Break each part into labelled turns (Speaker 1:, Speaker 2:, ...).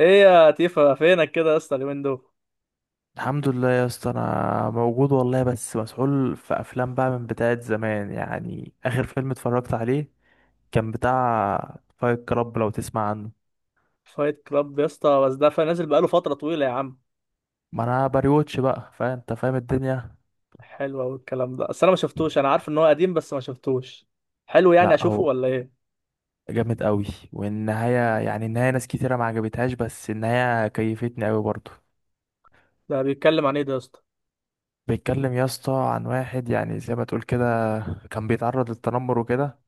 Speaker 1: ايه يا تيفا، فينك كده يا اسطى اليومين دول؟
Speaker 2: الحمد لله يا اسطى، انا موجود والله، بس مسحول في افلام بقى من بتاعه زمان. يعني اخر فيلم اتفرجت عليه كان بتاع فايت كلاب، لو تسمع عنه.
Speaker 1: فايت كلاب يا اسطى، بس ده نازل بقاله فتره طويله يا عم.
Speaker 2: ما انا بريوتش بقى، فانت فاهم الدنيا.
Speaker 1: حلو قوي الكلام ده، بس انا ما شفتوش، انا عارف ان هو قديم بس ما شفتوش. حلو، يعني
Speaker 2: لا،
Speaker 1: اشوفه
Speaker 2: هو
Speaker 1: ولا ايه؟
Speaker 2: جامد قوي. والنهايه، يعني النهايه، ناس كتيره ما عجبتهاش، بس النهايه كيفتني قوي برضه.
Speaker 1: ده بيتكلم عن ايه ده يا اسطى؟
Speaker 2: بيتكلم يا اسطى عن واحد، يعني زي ما تقول كده، كان بيتعرض للتنمر وكده،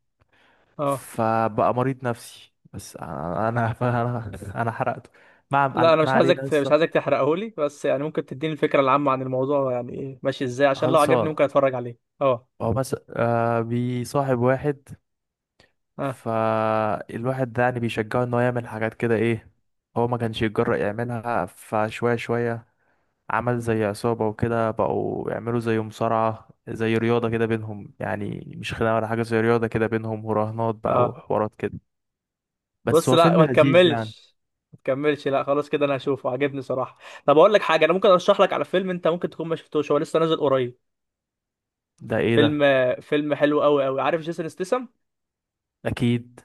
Speaker 1: اه.
Speaker 2: فبقى مريض نفسي. بس انا أنا حرقته.
Speaker 1: لا انا
Speaker 2: ما
Speaker 1: مش عايزك
Speaker 2: علينا
Speaker 1: مش
Speaker 2: لسه.
Speaker 1: عايزك تحرقه لي، بس يعني ممكن تديني الفكره العامه عن الموضوع، يعني ايه ماشي ازاي عشان لو عجبني ممكن
Speaker 2: خلصان.
Speaker 1: اتفرج عليه. اه.
Speaker 2: هو مثلا آه بيصاحب واحد،
Speaker 1: اه.
Speaker 2: فالواحد ده يعني بيشجعه ان هو يعمل حاجات كده، ايه. هو ما كانش يتجرأ يعملها، فشوية شوية. عمل زي عصابة وكده، بقوا يعملوا زي مصارعة، زي رياضة كده بينهم، يعني مش خناقة ولا حاجة، زي رياضة كده بينهم، وراهنات بقى
Speaker 1: اه.
Speaker 2: وحوارات كده. بس
Speaker 1: بص
Speaker 2: هو
Speaker 1: لا،
Speaker 2: فيلم
Speaker 1: ما
Speaker 2: لذيذ يعني.
Speaker 1: تكملش، ما تكملش، لا خلاص كده انا هشوفه، عجبني صراحه. طب اقول لك حاجه، انا ممكن ارشح لك على فيلم انت ممكن تكون ما شفتوش، هو لسه نازل قريب.
Speaker 2: ده ايه
Speaker 1: فيلم.
Speaker 2: ده؟
Speaker 1: فيلم حلو قوي قوي، عارف جيسون ستاثام؟
Speaker 2: اكيد.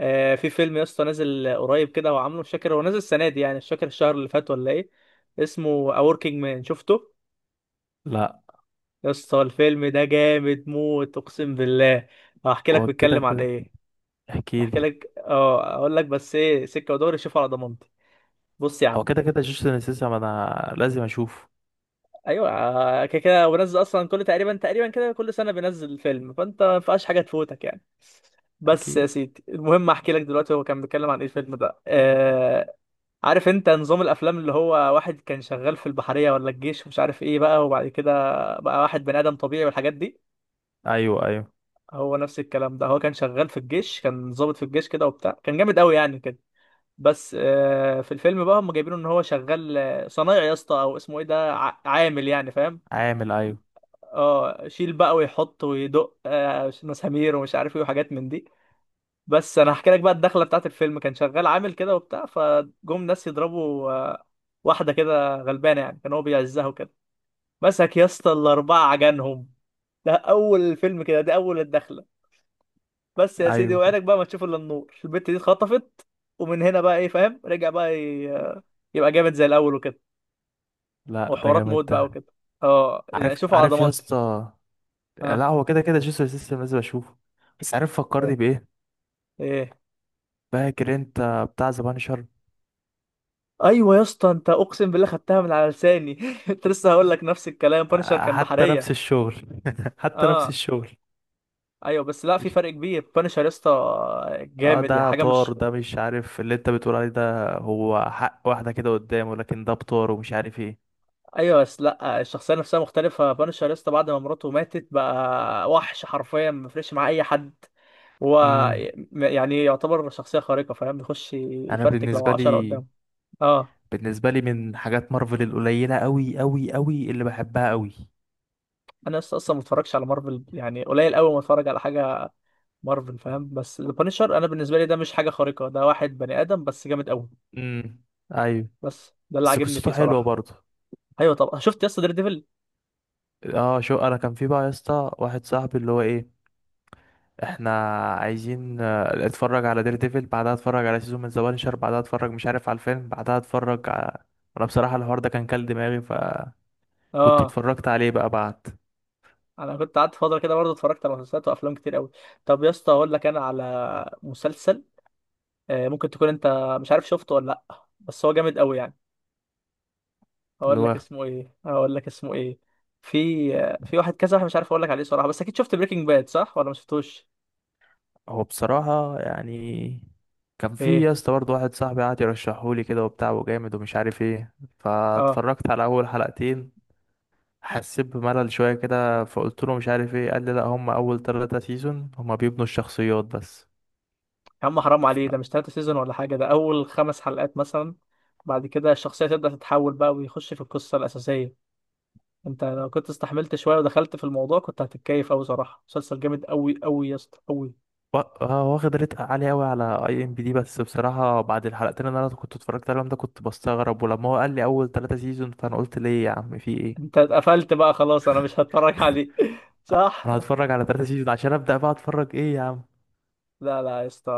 Speaker 1: آه، في فيلم يا اسطى نازل قريب كده، هو عامله، مش فاكر هو نازل السنه دي يعني، مش فاكر الشهر اللي فات ولا ايه. اسمه A Working Man، شفته؟
Speaker 2: لا،
Speaker 1: يا اسطى الفيلم ده جامد موت اقسم بالله، هحكي لك
Speaker 2: هو كده
Speaker 1: بيتكلم عن
Speaker 2: كده.
Speaker 1: ايه.
Speaker 2: احكي
Speaker 1: هحكي
Speaker 2: لي.
Speaker 1: لك، اه اقول لك، بس ايه سكه ودوري، شوف على ضمانتي. بص يا
Speaker 2: هو
Speaker 1: عم.
Speaker 2: كده كده جيسون انسيسا، ما انا لازم اشوفه.
Speaker 1: ايوه، كده كده هو بينزل اصلا كل تقريبا تقريبا كده، كل سنه بينزل فيلم، فانت ما ينفعش حاجه تفوتك يعني. بس
Speaker 2: اكيد.
Speaker 1: يا سيدي المهم احكي لك دلوقتي هو كان بيتكلم عن ايه الفيلم ده، آه. عارف انت نظام الافلام اللي هو واحد كان شغال في البحرية ولا الجيش ومش عارف ايه بقى، وبعد كده بقى واحد بني ادم طبيعي والحاجات دي.
Speaker 2: ايوه، ايوه.
Speaker 1: هو نفس الكلام ده، هو كان شغال في الجيش، كان ضابط في الجيش كده وبتاع، كان جامد قوي يعني كده. بس في الفيلم بقى هم جايبينه ان هو شغال صنايعي يا اسطى، او اسمه ايه ده، عامل يعني، فاهم؟
Speaker 2: عامل، ايوه.
Speaker 1: اه. شيل بقى ويحط ويدق مسامير ومش عارف ايه، وحاجات من دي. بس انا هحكي لك بقى الدخله بتاعت الفيلم، كان شغال عامل كده وبتاع، فجم ناس يضربوا واحده كده غلبانه يعني، كان هو بيعزها وكده. مسك يا اسطى الاربعه عجنهم. ده اول الفيلم كده، دي اول الدخله. بس يا سيدي،
Speaker 2: ايوه.
Speaker 1: وعينك بقى ما تشوف الا النور، البت دي اتخطفت. ومن هنا بقى ايه، فاهم، رجع بقى يبقى جامد زي الاول وكده.
Speaker 2: لا، ده
Speaker 1: وحوارات
Speaker 2: جامد
Speaker 1: موت بقى
Speaker 2: ده.
Speaker 1: وكده. اه يعني
Speaker 2: عارف،
Speaker 1: شوفوا على
Speaker 2: عارف يا
Speaker 1: ضمانتي.
Speaker 2: اسطى. لا،
Speaker 1: ها.
Speaker 2: هو كده كده جيسون انسيسا، لازم اشوفه. بس عارف
Speaker 1: تمام.
Speaker 2: فكرني بايه؟
Speaker 1: ايه.
Speaker 2: فاكر انت بتاع ذا بانشر؟
Speaker 1: ايوه يا اسطى، انت اقسم بالله خدتها من على لساني كنت لسه هقول لك نفس الكلام، بانشر كان
Speaker 2: حتى نفس
Speaker 1: بحريه.
Speaker 2: الشغل. حتى نفس
Speaker 1: اه.
Speaker 2: الشغل.
Speaker 1: ايوه بس لا، في
Speaker 2: مش،
Speaker 1: فرق كبير بانشر يا اسطى.
Speaker 2: اه،
Speaker 1: جامد يعني
Speaker 2: ده
Speaker 1: حاجه مش.
Speaker 2: طار ده، مش عارف اللي انت بتقول عليه، ده هو حق واحدة كده قدامه، لكن ده بطار ومش عارف ايه.
Speaker 1: ايوه بس لا، الشخصيه نفسها مختلفه، بانشر يا اسطى بعد ما مراته ماتت بقى وحش حرفيا، ما بيفرقش مع اي حد. هو.
Speaker 2: امم.
Speaker 1: يعني يعتبر شخصيه خارقه، فاهم، بيخش
Speaker 2: انا
Speaker 1: يفرتك لو
Speaker 2: بالنسبة
Speaker 1: عشرة
Speaker 2: لي،
Speaker 1: قدامه. اه.
Speaker 2: بالنسبة لي من حاجات مارفل القليلة أوي أوي أوي اللي بحبها أوي.
Speaker 1: انا لسه اصلا ما اتفرجش على مارفل، يعني قليل قوي ما اتفرج على حاجه مارفل، فاهم، بس البانشر انا بالنسبه لي ده مش حاجه خارقه، ده واحد بني ادم بس جامد قوي.
Speaker 2: امم. أيوة.
Speaker 1: بس ده اللي
Speaker 2: بس
Speaker 1: عاجبني
Speaker 2: قصته
Speaker 1: فيه
Speaker 2: حلوة
Speaker 1: صراحه.
Speaker 2: برضه.
Speaker 1: ايوه، طب شفت يا اسطى دير ديفل؟
Speaker 2: اه، شو أنا، كان في بقى يا اسطى واحد صاحبي، اللي هو إيه، إحنا عايزين آه، اتفرج على دير ديفل، بعدها اتفرج على سيزون من ذا بانشر، بعدها اتفرج مش عارف على الفيلم، بعدها اتفرج على، أنا بصراحة الحوار ده كان كل دماغي، فكنت
Speaker 1: اه.
Speaker 2: اتفرجت عليه بقى بعد
Speaker 1: انا كنت قعدت فتره كده برضه اتفرجت على مسلسلات وافلام كتير قوي. طب يا اسطى اقول لك انا على مسلسل، ممكن تكون انت مش عارف شفته ولا لا، بس هو جامد قوي يعني.
Speaker 2: اللي
Speaker 1: اقول لك
Speaker 2: هو.
Speaker 1: اسمه ايه، اقول لك اسمه ايه. في في واحد كذا، واحد مش عارف اقول لك عليه صراحه، بس اكيد شفت بريكنج باد صح ولا ما شفتوش؟
Speaker 2: هو بصراحة يعني، كان في يا
Speaker 1: ايه.
Speaker 2: اسطى برضه واحد صاحبي قعد يرشحهولي كده وبتاع، وجامد ومش عارف ايه،
Speaker 1: اه.
Speaker 2: فاتفرجت على أول حلقتين. حسيت بملل شوية كده، فقلت له مش عارف ايه. قال لي لأ، هما أول تلاتة سيزون هما بيبنوا الشخصيات بس.
Speaker 1: يا عم حرام عليه، ده
Speaker 2: ف-
Speaker 1: مش تلاتة سيزون ولا حاجه، ده اول خمس حلقات مثلا. بعد كده الشخصيه تبدا تتحول بقى، ويخش في القصه الاساسيه. انت لو كنت استحملت شويه ودخلت في الموضوع كنت هتتكيف قوي صراحه، مسلسل جامد قوي قوي يا اسطى قوي.
Speaker 2: واخد ريت عالي أوي على اي ام بي دي. بس بصراحة بعد الحلقتين اللي أنا كنت اتفرجت عليهم ده، كنت بستغرب. ولما هو قال لي أول تلاتة سيزون، فأنا قلت ليه يا عم في ايه؟
Speaker 1: انت اتقفلت بقى خلاص، انا مش هتفرج عليه صح.
Speaker 2: أنا هتفرج على تلاتة سيزون عشان أبدأ بقى أتفرج ايه يا
Speaker 1: لا لا يا اسطى،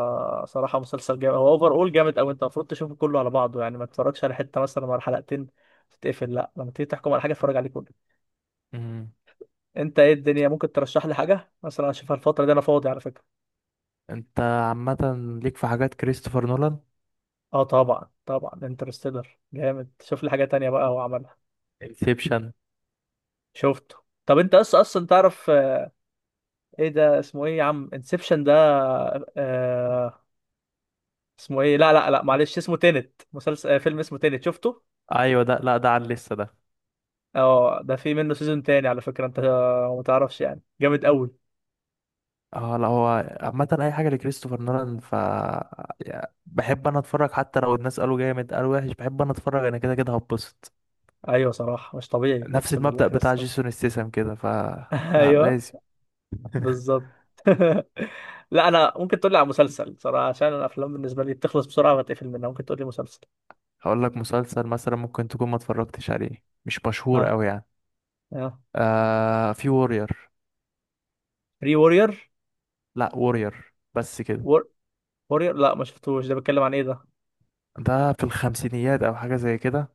Speaker 1: صراحه مسلسل جامد، هو اوفر اول جامد. او انت المفروض تشوفه كله على بعضه يعني، ما تتفرجش على حته مثلا ولا حلقتين تتقفل. لا لما تيجي تحكم على حاجه اتفرج عليه كله.
Speaker 2: عم!
Speaker 1: انت ايه الدنيا، ممكن ترشح لي حاجه مثلا اشوفها الفتره دي، انا فاضي على فكره.
Speaker 2: انت عامة ليك في حاجات كريستوفر نولان.
Speaker 1: اه طبعا طبعا، انترستيلر جامد، شوف لي حاجه تانية بقى هو عملها.
Speaker 2: انسبشن.
Speaker 1: شفته. طب انت اصلا اصلا تعرف، ايه ده اسمه ايه يا عم، انسبشن ده. آه. اسمه ايه، لا لا لا معلش، اسمه تينت، مسلسل، فيلم اسمه تينت، شفته؟
Speaker 2: ايوه ده، لا ده على اللسه ده.
Speaker 1: اه، ده في منه سيزون تاني على فكرة، انت ما تعرفش يعني، جامد قوي.
Speaker 2: اه، لا هو عامة اي حاجة لكريستوفر نولان، ف، يا-، بحب انا اتفرج، حتى لو الناس قالوا جامد، قالوا وحش، بحب انا اتفرج، انا كده كده هبسط.
Speaker 1: ايوه صراحة مش طبيعي
Speaker 2: نفس
Speaker 1: اقسم بالله،
Speaker 2: المبدأ بتاع
Speaker 1: كريستوفر.
Speaker 2: جيسون ستيسم كده، ف، لا
Speaker 1: ايوه.
Speaker 2: لازم.
Speaker 1: بالظبط. لا انا ممكن تقول لي على مسلسل صراحة، عشان الافلام بالنسبة لي بتخلص بسرعة وبتقفل منها، ممكن تقول لي مسلسل.
Speaker 2: هقول لك مسلسل مثلا ممكن تكون ما اتفرجتش عليه، مش مشهور
Speaker 1: ها.
Speaker 2: قوي يعني.
Speaker 1: ها.
Speaker 2: آه، في وورير.
Speaker 1: ري وورير.
Speaker 2: لا، وورير بس كده.
Speaker 1: وور... وورير، لا ما شفتوش، ده بيتكلم عن ايه ده؟
Speaker 2: ده في الخمسينيات او حاجة زي كده،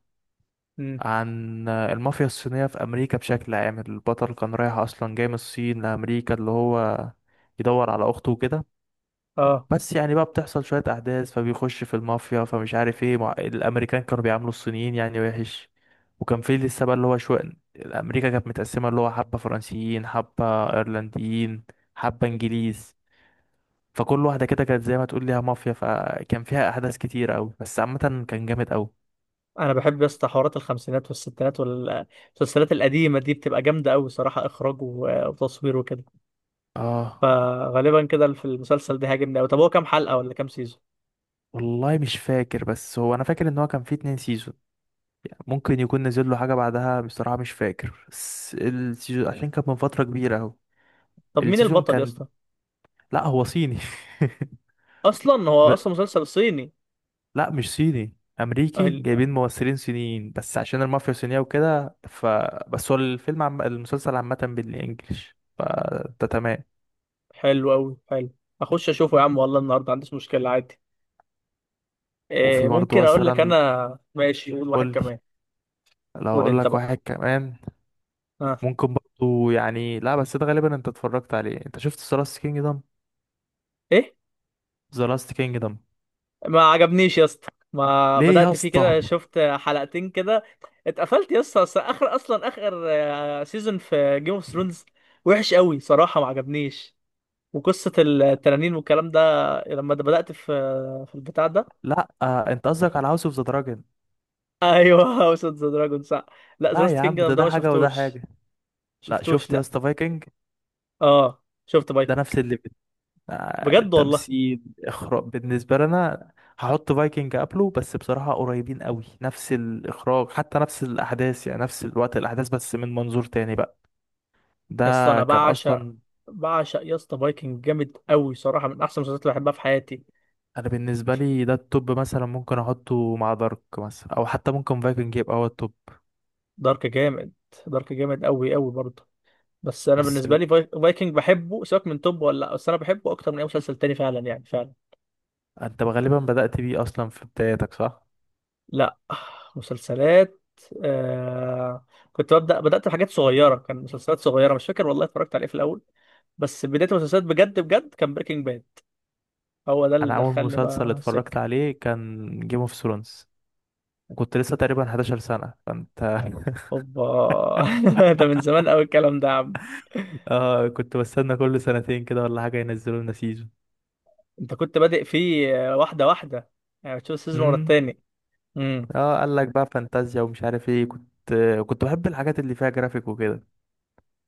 Speaker 1: امم.
Speaker 2: عن المافيا الصينية في أمريكا بشكل عام. البطل كان رايح أصلا، جاي من الصين لأمريكا، اللي هو يدور على أخته وكده.
Speaker 1: اه
Speaker 2: بس يعني بقى بتحصل شوية أحداث، فبيخش في المافيا، فمش عارف ايه، مع، الأمريكان كانوا بيعاملوا الصينيين يعني وحش. وكان في لسه بقى، اللي هو شوية، أمريكا كانت متقسمة، اللي هو حبة فرنسيين، حبة أيرلنديين، حبة إنجليز، فكل واحدة كده كانت زي ما تقول ليها مافيا، فكان فيها أحداث كتير أوي. بس عامة كان جامد أوي.
Speaker 1: انا بحب يا اسطى حوارات الخمسينات والستينات والمسلسلات القديمة دي، بتبقى جامدة قوي صراحة، اخراج وتصوير وكده.
Speaker 2: اه
Speaker 1: فغالبا كده في المسلسل ده هاجمني قوي. طب هو كام حلقة ولا كام سيزون؟
Speaker 2: والله مش فاكر، بس هو انا فاكر ان هو كان فيه اتنين سيزون. ممكن يكون نزل له حاجه بعدها بصراحه، مش فاكر، بس السيزون عشان كان من فتره كبيره اهو.
Speaker 1: طب مين
Speaker 2: السيزون
Speaker 1: البطل يا
Speaker 2: كان،
Speaker 1: اسطى؟
Speaker 2: لا هو صيني.
Speaker 1: اصلا هو
Speaker 2: ب،
Speaker 1: اصلا مسلسل صيني؟
Speaker 2: لا مش صيني، امريكي
Speaker 1: أهل-
Speaker 2: جايبين ممثلين صينيين بس عشان المافيا صينيه وكده، ف، بس هو الفيلم، عم، المسلسل عامه بالانجلش، فده تمام.
Speaker 1: حلو قوي، حلو. اخش اشوفه يا عم، والله النهارده ما عنديش مشكلة، عادي.
Speaker 2: وفي
Speaker 1: إيه،
Speaker 2: برضه
Speaker 1: ممكن اقول لك
Speaker 2: مثلا،
Speaker 1: انا ماشي، قول واحد
Speaker 2: قول لي،
Speaker 1: كمان.
Speaker 2: لو
Speaker 1: قول
Speaker 2: اقول
Speaker 1: انت
Speaker 2: لك
Speaker 1: بقى.
Speaker 2: واحد كمان
Speaker 1: ها.
Speaker 2: ممكن برضه، يعني لا، بس ده غالبا انت اتفرجت عليه. انت شفت سلاس كينجدم؟
Speaker 1: ايه.
Speaker 2: ذا لاست كينجدم.
Speaker 1: ما عجبنيش يا اسطى. ما
Speaker 2: ليه يا
Speaker 1: بدأت فيه
Speaker 2: اسطى؟
Speaker 1: كده، شفت حلقتين كده اتقفلت يا اسطى. أصل اخر، اصلا اخر سيزون في جيم اوف ثرونز وحش قوي صراحة، ما عجبنيش. وقصة التنانين والكلام ده، لما ده بدأت في في البتاع ده.
Speaker 2: لا آه، انت قصدك على هاوس اوف ذا دراجون.
Speaker 1: ايوه هاوس اوف ذا دراجون، صح. لا ذا
Speaker 2: لا
Speaker 1: لاست
Speaker 2: يا عم، ده
Speaker 1: كينجدم ده
Speaker 2: ده
Speaker 1: ما
Speaker 2: حاجه وده
Speaker 1: شفتوش.
Speaker 2: حاجه. لا
Speaker 1: شفتوش،
Speaker 2: شفت يا
Speaker 1: لا.
Speaker 2: اسطى فايكنج؟
Speaker 1: اه شفت
Speaker 2: ده
Speaker 1: فايكنج،
Speaker 2: نفس الليفل، آه،
Speaker 1: بجد والله.
Speaker 2: تمثيل، اخراج، بالنسبه لنا. هحط فايكنج قبله، بس بصراحه قريبين قوي، نفس الاخراج، حتى نفس الاحداث، يعني نفس الوقت الاحداث بس من منظور تاني بقى. ده
Speaker 1: يا اسطى انا
Speaker 2: كان
Speaker 1: بعشق،
Speaker 2: اصلا.
Speaker 1: بعشق يا اسطى فايكنج جامد قوي صراحة، من احسن المسلسلات اللي بحبها في حياتي.
Speaker 2: انا بالنسبه لي ده التوب، مثلا ممكن احطه مع دارك مثلا، او حتى ممكن فايكنج يبقى هو التوب.
Speaker 1: دارك جامد. دارك جامد قوي قوي برضه. بس انا
Speaker 2: بس
Speaker 1: بالنسبة
Speaker 2: ال،
Speaker 1: لي فايكنج بحبه، سواء من توب ولا لا، بس انا بحبه اكتر من اي مسلسل تاني فعلا يعني فعلا.
Speaker 2: انت غالبا بدأت بيه اصلا في بدايتك، صح؟
Speaker 1: لا. مسلسلات، آه... كنت ببدأ، بدأت بحاجات صغيرة، كان مسلسلات صغيرة مش فاكر والله اتفرجت عليه في الأول. بس بداية المسلسلات بجد بجد كان بريكنج باد، هو ده اللي
Speaker 2: انا اول
Speaker 1: دخلني
Speaker 2: مسلسل
Speaker 1: بقى
Speaker 2: اتفرجت
Speaker 1: السكة.
Speaker 2: عليه كان جيم اوف ثرونز، وكنت لسه تقريبا 11 سنة، فانت.
Speaker 1: اوبا. ده من زمان قوي الكلام ده يا عم.
Speaker 2: اه كنت بستنى كل سنتين كده ولا حاجة ينزلوا لنا سيزون.
Speaker 1: انت كنت بادئ فيه واحدة واحدة، يعني بتشوف السيزون ورا
Speaker 2: امم.
Speaker 1: التاني. امم.
Speaker 2: اه، قال لك بقى فانتازيا ومش عارف ايه، كنت، كنت بحب الحاجات اللي فيها جرافيك وكده.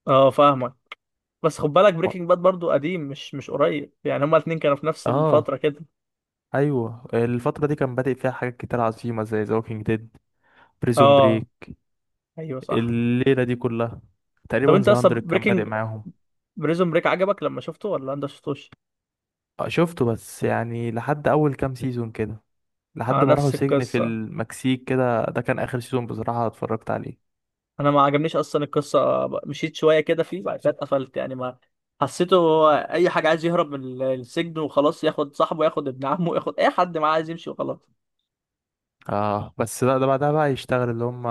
Speaker 1: اه فاهمك. بس خد بالك
Speaker 2: ما-
Speaker 1: بريكنج باد برضو قديم، مش قريب يعني، هما الاتنين كانوا في نفس الفترة
Speaker 2: اه.
Speaker 1: كده.
Speaker 2: ايوه الفترة دي كان بادئ فيها حاجات كتير عظيمة، زي ذا ووكينج ديد، بريزون
Speaker 1: اه.
Speaker 2: بريك،
Speaker 1: ايوه صح.
Speaker 2: الليلة دي كلها، تقريبا
Speaker 1: طب انت
Speaker 2: ذا 100،
Speaker 1: اصلا
Speaker 2: كان بادئ معاهم.
Speaker 1: بريزون بريك عجبك لما شفته ولا انت شفتوش؟
Speaker 2: آه، شفته بس يعني لحد اول كام سيزون كده، لحد
Speaker 1: انا
Speaker 2: ما راحوا
Speaker 1: نفس
Speaker 2: سجن في
Speaker 1: القصه،
Speaker 2: المكسيك كده، ده كان اخر سيزون بصراحة اتفرجت عليه.
Speaker 1: انا ما عجبنيش اصلا القصه. مشيت شويه كده فيه بعد كده اتقفلت، يعني ما حسيته، هو اي حاجه عايز يهرب من السجن وخلاص، ياخد صاحبه، ياخد ابن عمه، ياخد اي حد معاه، عايز يمشي وخلاص.
Speaker 2: اه بس لا، ده بعدها بقى يشتغل اللي هم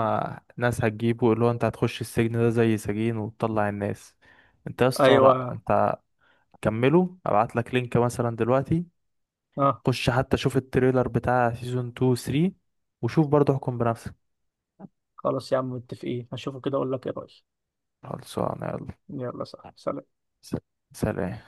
Speaker 2: ناس هتجيبه، اللي هو انت هتخش السجن ده زي سجين وتطلع الناس. انت يا اسطى، لا
Speaker 1: ايوه.
Speaker 2: انت كمله، ابعت لك لينك مثلا دلوقتي،
Speaker 1: اه.
Speaker 2: خش حتى شوف التريلر بتاع سيزون 2 و 3، وشوف برضه احكم بنفسك.
Speaker 1: خلاص يا عم متفقين، هشوفه كده اقول لك ايه رايي.
Speaker 2: خلصانه، يلا.
Speaker 1: يلا صح، سلام.
Speaker 2: س- سلام.